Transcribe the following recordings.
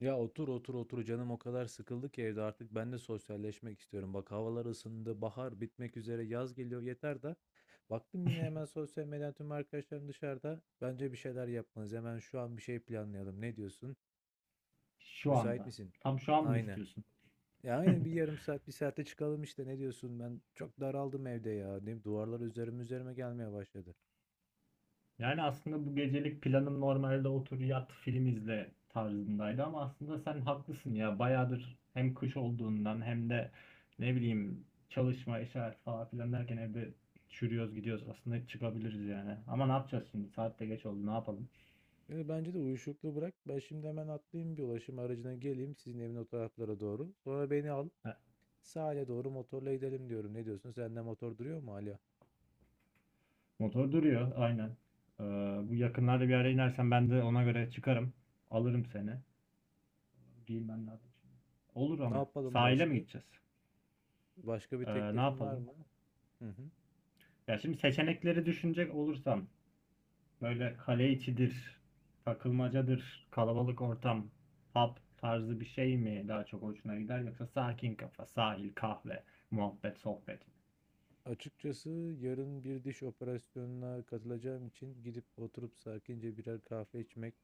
Ya otur otur otur canım o kadar sıkıldı ki evde artık ben de sosyalleşmek istiyorum. Bak havalar ısındı, bahar bitmek üzere, yaz geliyor yeter de. Baktım yine hemen sosyal medyadan tüm arkadaşlarım dışarıda. Bence bir şeyler yapmalıyız. Hemen şu an bir şey planlayalım. Ne diyorsun? Şu Müsait anda. misin? Tam şu an mı Aynen. istiyorsun? Ya aynen bir yarım saat, bir saate çıkalım işte. Ne diyorsun? Ben çok daraldım evde ya. Değil mi? Duvarlar üzerime üzerime gelmeye başladı. Yani aslında bu gecelik planım normalde otur yat film izle tarzındaydı ama aslında sen haklısın ya. Bayağıdır hem kış olduğundan hem de ne bileyim çalışma, iş hayatı falan filan derken evde çürüyoruz gidiyoruz. Aslında çıkabiliriz yani. Ama ne yapacağız şimdi? Saat de geç oldu. Ne yapalım? Yani bence de uyuşukluğu bırak. Ben şimdi hemen atlayayım bir ulaşım aracına geleyim sizin evin o taraflara doğru. Sonra beni al. Ha, Sahile doğru motorla gidelim diyorum. Ne diyorsun? Sende motor duruyor mu hala? motor duruyor aynen. Ee, Bu yakınlarda bir ara inersen ben de ona göre çıkarım. Alırım seni. Giyinmem lazım şimdi. Olur Ne ama. yapalım Sahile mi başka? gideceğiz? Başka bir Ne teklifin var yapalım? mı? Hı hı. Ya şimdi seçenekleri düşünecek olursam böyle kale içidir, takılmacadır, kalabalık ortam, pub tarzı bir şey mi daha çok hoşuna gider yoksa sakin kafa, sahil, kahve, muhabbet, sohbet mi? Açıkçası yarın bir diş operasyonuna katılacağım için gidip oturup sakince birer kahve içmek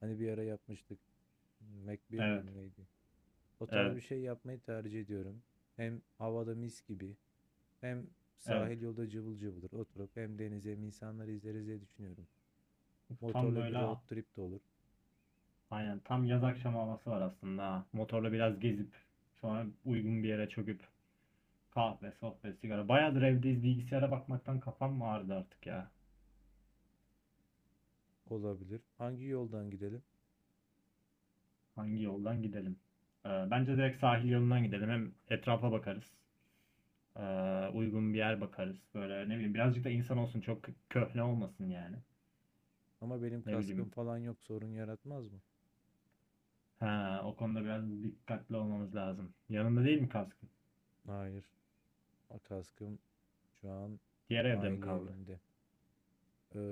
hani bir ara yapmıştık. Mac bir Evet, miydi neydi? O tarz evet, bir şey yapmayı tercih ediyorum. Hem havada mis gibi hem evet. sahil yolda cıvıl cıvıldır oturup hem denize hem insanları izleriz diye düşünüyorum. Tam Motorla bir böyle road trip de olur. aynen tam yaz akşamı havası var aslında. Ha. Motorla biraz gezip sonra uygun bir yere çöküp kahve, sohbet, sigara. Bayağıdır evdeyiz bilgisayara bakmaktan kafam mı ağrıdı artık ya. Olabilir. Hangi yoldan gidelim? Hangi yoldan gidelim? Bence direkt sahil yolundan gidelim. Hem etrafa bakarız. Ee, Uygun bir yer bakarız. Böyle ne bileyim birazcık da insan olsun. Çok köhne olmasın yani. Ama benim Ne kaskım bileyim. falan yok sorun yaratmaz mı? Ha, o konuda biraz dikkatli olmamız lazım. Yanında değil mi kaskın? Hayır. O kaskım şu an Diğer evde mi aile kaldı? evinde.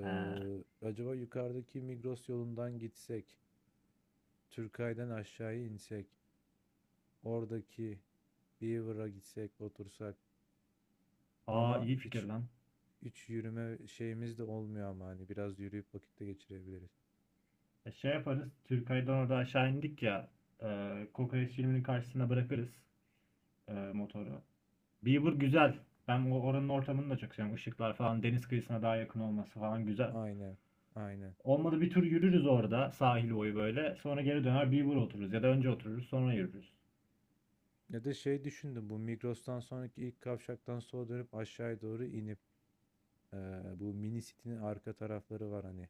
Ha. Acaba yukarıdaki Migros yolundan gitsek, Türkay'dan aşağıya insek, oradaki Beaver'a gitsek, otursak Aa, ama iyi fikir hiç, lan. hiç yürüme şeyimiz de olmuyor ama hani biraz yürüyüp vakitte geçirebiliriz. E, şey yaparız. Türkay'dan orada aşağı indik ya. E, kokoreç filminin karşısına bırakırız motoru. Beaver güzel. Ben oranın ortamını da çok seviyorum. Işıklar falan, deniz kıyısına daha yakın olması falan güzel. Aynen, aynen. Olmadı bir tur yürürüz orada sahil boyu böyle. Sonra geri döner Beaver otururuz ya da önce otururuz sonra yürürüz. Ya da şey düşündüm bu Migros'tan sonraki ilk kavşaktan sola dönüp aşağıya doğru inip ee, bu mini city'nin arka tarafları var hani.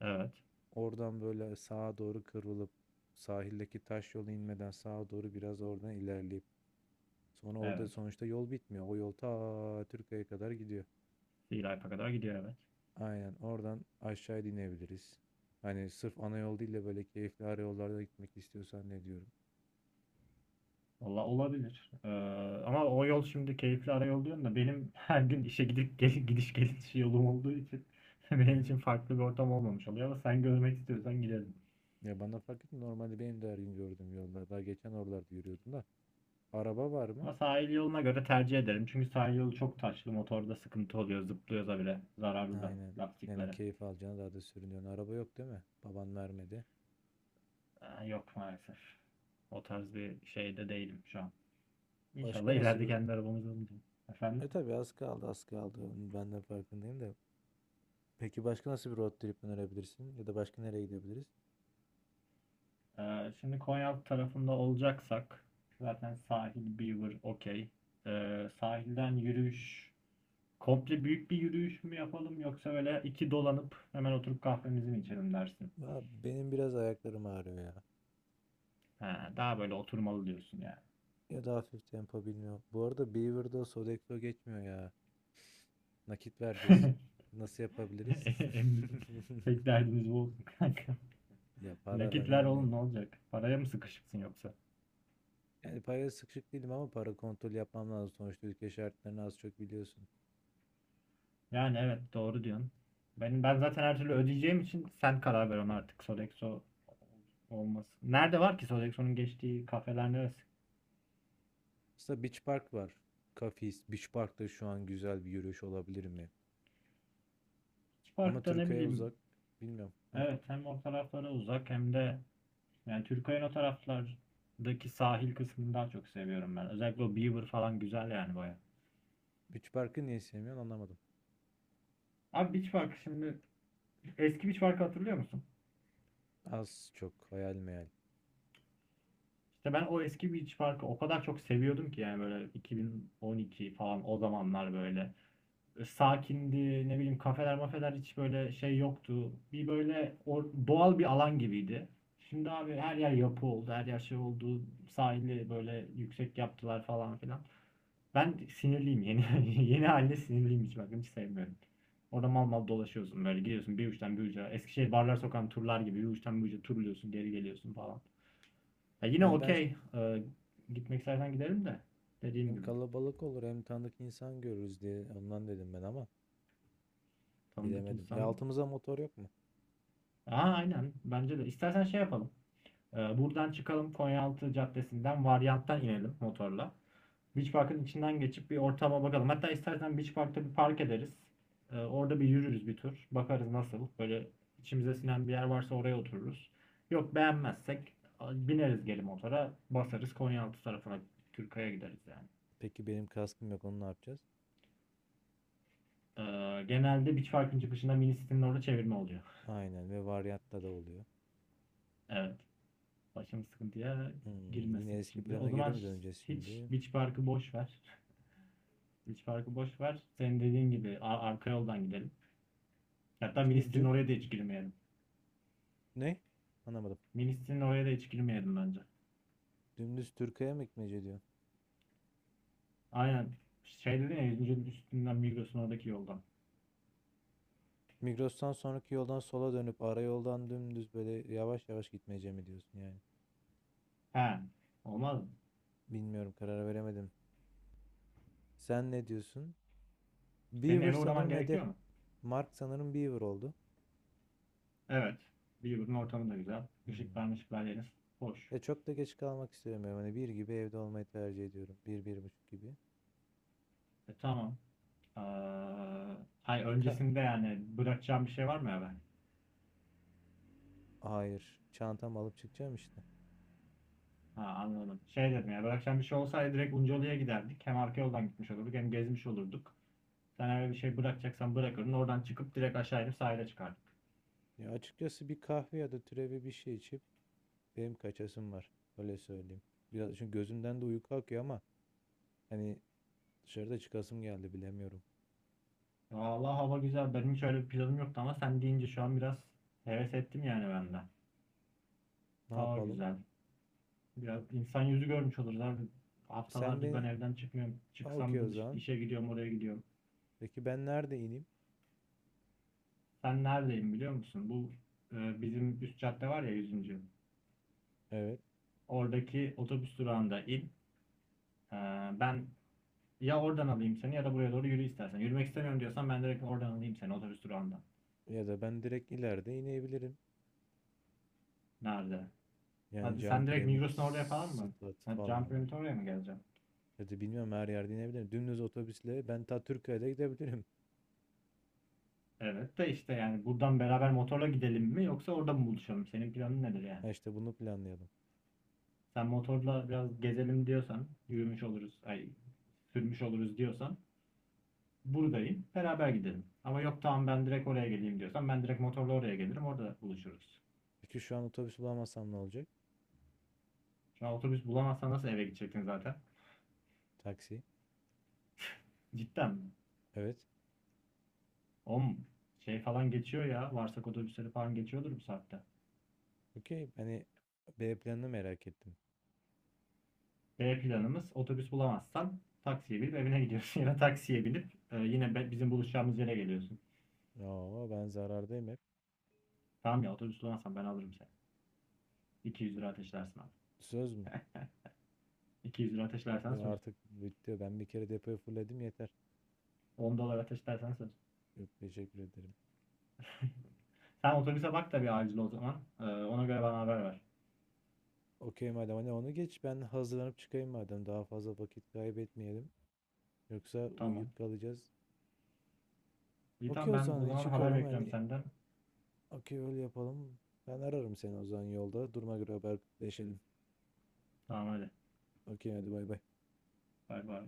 Evet. Oradan böyle sağa doğru kıvrılıp sahildeki taş yola inmeden sağa doğru biraz oradan ilerleyip sonra orada Evet. sonuçta yol bitmiyor. O yol ta Türkiye'ye kadar gidiyor. Silaypa kadar gidiyor evet. Aynen oradan aşağıya inebiliriz. Hani sırf ana yol değil de böyle keyifli ara yollarda gitmek istiyorsan ne diyorum. Valla olabilir. Ama o yol şimdi keyifli ara yol diyorsun da benim her gün işe gidip gel gidiş geliş yolum olduğu için Hı benim hı. için farklı bir ortam olmamış oluyor ama sen görmek istiyorsan gidelim. Ya bana fark etmiyor. Normalde benim de her gün gördüğüm yollar. Daha geçen oralarda yürüyordum da. Araba var mı? Ama sahil yoluna göre tercih ederim. Çünkü sahil yolu çok taşlı. Motorda sıkıntı oluyor. Zıplıyoruz da bile. Zararlı da Aynen. Yani lastiklere. keyif alacağına daha da sürünüyorsun. Araba yok değil mi? Baban vermedi. Aa, yok maalesef. O tarz bir şeyde değilim şu an. İnşallah Başka nasıl ileride bir kendi arabamız olacak. Efendim? E tabii az kaldı az kaldı. Ben de farkındayım da. Peki başka nasıl bir road trip önerebilirsin? Ya da başka nereye gidebiliriz? Şimdi Konyaaltı tarafında olacaksak zaten sahil, Beaver okey. Sahilden yürüyüş komple büyük bir yürüyüş mü yapalım yoksa öyle iki dolanıp hemen oturup kahvemizi mi içelim dersin? Ya benim biraz ayaklarım ağrıyor ya. Ha, daha böyle oturmalı diyorsun Ya da hafif tempo bilmiyorum. Bu arada Beaver'da Sodexo geçmiyor ya. Nakit vereceğiz. yani. Nasıl yapabiliriz? En büyük- Tek derdimiz bu olsun kanka. Ya para Nakit ver önemli. oğlum ne olacak? Paraya mı sıkışıksın yoksa? Yani paraya sıkışık değilim ama para kontrol yapmam lazım. Sonuçta ülke şartlarını az çok biliyorsun. Yani evet doğru diyorsun. Ben zaten her türlü ödeyeceğim için sen karar ver ona artık Sodexo olmasın. Nerede var ki Sodexo'nun geçtiği kafeler neresi? Aslında Beach Park var. Kafis. Beach Park'ta şu an güzel bir yürüyüş olabilir mi? Ama Park'ta ne Türkiye'ye bileyim. uzak. Bilmiyorum. Evet, hem o taraflara uzak hem de yani Türkiye'nin o taraflardaki sahil kısmını daha çok seviyorum ben. Özellikle o Beaver falan güzel yani baya. Beach Park'ı niye sevmiyorsun anlamadım. Abi Beach Park şimdi eski Beach Park'ı hatırlıyor musun? Az çok hayal meyal. İşte ben o eski Beach Park'ı o kadar çok seviyordum ki yani böyle 2012 falan o zamanlar böyle sakindi ne bileyim kafeler mafeler hiç böyle şey yoktu. Bir böyle o, doğal bir alan gibiydi. Şimdi abi her yer yapı oldu, her yer şey oldu. Sahili böyle yüksek yaptılar falan filan. Ben sinirliyim yeni yeni haline sinirliyim hiç bakın hiç sevmiyorum. Orada mal mal dolaşıyorsun böyle gidiyorsun bir uçtan bir uca. Eskişehir Barlar Sokağı'nın turlar gibi bir uçtan bir uca turluyorsun geri geliyorsun falan. Ya yine Yani ben ş- okey. Gitmek istersen gidelim de. Dediğim Hem gibi. kalabalık olur hem tanıdık insan görürüz diye ondan dedim ben ama Tanıdık bilemedim. Ya insan. altımıza motor yok mu? Aa, aynen. Bence de. İstersen şey yapalım. Buradan çıkalım. Konyaaltı Caddesi'nden varyanttan inelim motorla. Beach Park'ın içinden geçip bir ortama bakalım. Hatta istersen Beach Park'ta bir park ederiz. Orada bir yürürüz bir tur. Bakarız nasıl. Böyle içimize sinen bir yer varsa oraya otururuz. Yok beğenmezsek bineriz geri motora. Basarız Konyaaltı tarafına. Türkaya gideriz yani. Peki benim kaskım yok onu ne yapacağız? Ee, Genelde Beach Park'ın çıkışında mini sitenin orada çevirme oluyor. Aynen ve varyatta da oluyor. Evet. Başımız sıkıntıya Yine girmesin eski şimdi. O plana geri zaman mi döneceğiz hiç şimdi? Beach Park'ı boş ver. Beach Park'ı boş ver. Senin dediğin gibi arka yoldan gidelim. Hatta mini Şimdi sitenin dü... oraya da hiç girmeyelim. Ne? Anlamadım. Mini sitenin oraya da hiç girmeyelim bence. Dümdüz Türkiye'ye mi gitmece diyor? Aynen. Şey dedin ya 100. üstünden Migros'un oradaki yoldan. Migros'tan sonraki yoldan sola dönüp ara yoldan dümdüz böyle yavaş yavaş gitmece mi diyorsun yani? He. Olmaz mı? Bilmiyorum karar veremedim. Sen ne diyorsun? Senin Beaver eve uğraman sanırım hedef. gerekiyor mu? Mark sanırım Beaver oldu. Evet. Beaver'ın ortamı da güzel. Işıklar Hmm. mışıklar yeriz. Hoş. Ya çok da geç kalmak istemiyorum. Hani bir gibi evde olmayı tercih ediyorum. Bir, bir buçuk gibi. E tamam. Ee, hayır Bir ka- öncesinde yani bırakacağım bir şey var mı ya ben? Hayır. Çantamı alıp çıkacağım işte. Ha, anladım. Şey dedim ya bırakacağım bir şey olsaydı direkt Uncalı'ya giderdik. Hem arka yoldan gitmiş olurduk hem gezmiş olurduk. Sen eğer bir şey bırakacaksan bırakırdın. Oradan çıkıp direkt aşağı inip sahile çıkardık. Ya açıkçası bir kahve ya da türevi bir şey içip benim kaçasım var. Öyle söyleyeyim. Biraz çünkü gözümden de uyku akıyor ama hani dışarıda çıkasım geldi bilemiyorum. Vallahi hava güzel. Benim hiç öyle bir planım yoktu ama sen deyince şu an biraz heves ettim yani ben de. Ne Hava yapalım? güzel. Biraz insan yüzü görmüş oluruz abi. Sen Haftalardır ben beni evden çıkmıyorum. Aa, Çıksam okey o da zaman. işe gidiyorum, oraya gidiyorum. Peki ben nerede ineyim? Ben neredeyim biliyor musun? Bu bizim üst cadde var ya yüzüncü. Evet. Oradaki otobüs durağında in. E, ben ya oradan alayım seni ya da buraya doğru yürü istersen. Yürümek istemiyorum diyorsan ben direkt oradan alayım seni otobüs durağından. Ya da ben direkt ileride inebilirim. Nerede? Yani Hadi cam sen direkt piramit, Migros'un oraya falan mı? stat Ha, Can falan. Piramit'e oraya mı geleceğim? Ya da bilmiyorum her yerde inebilirim. Dümdüz otobüsle ben ta Türkiye'de gidebilirim. Evet de işte yani buradan beraber motorla gidelim mi yoksa orada mı buluşalım? Senin planın nedir yani? Ha işte bunu planlayalım. Sen motorla biraz gezelim diyorsan, yürümüş oluruz, ay sürmüş oluruz diyorsan buradayım. Beraber gidelim. Ama yok tamam ben direkt oraya geleyim diyorsan ben direkt motorla oraya gelirim. Orada buluşuruz. Peki şu an otobüs bulamazsam ne olacak? Şu an otobüs bulamazsan nasıl eve gidecektin zaten? Taksi. Cidden. Evet. Om Şey falan geçiyor ya. Varsak otobüsleri falan geçiyordur bu saatte. Okey. Hani B planını merak ettim. B planımız otobüs bulamazsan taksiye binip evine gidiyorsun. Ya da taksiye binip yine bizim buluşacağımız yere geliyorsun. Aa ben zarardayım hep. Tamam ya otobüs bulamazsan ben alırım seni. 200 lira ateşlersin abi. Söz mü? 200 lira ateşlersen Yo, söz. artık bitti. Ben bir kere depoyu fulledim yeter. 10 dolar ateşlersen söz. Yok teşekkür ederim. Sen otobüse bak da bir acil o zaman. Ona göre bana haber ver. Okey madem hani onu geç ben hazırlanıp çıkayım madem daha fazla vakit kaybetmeyelim. Yoksa Tamam. uyuyup kalacağız. İyi Okey tamam o zaman ben o hani zaman haber çıkalım bekliyorum hani. senden. Okey öyle yapalım. Ben ararım seni o zaman yolda. Duruma göre haberleşelim. Tamam hadi. Okey hadi bay bay. Bay bay.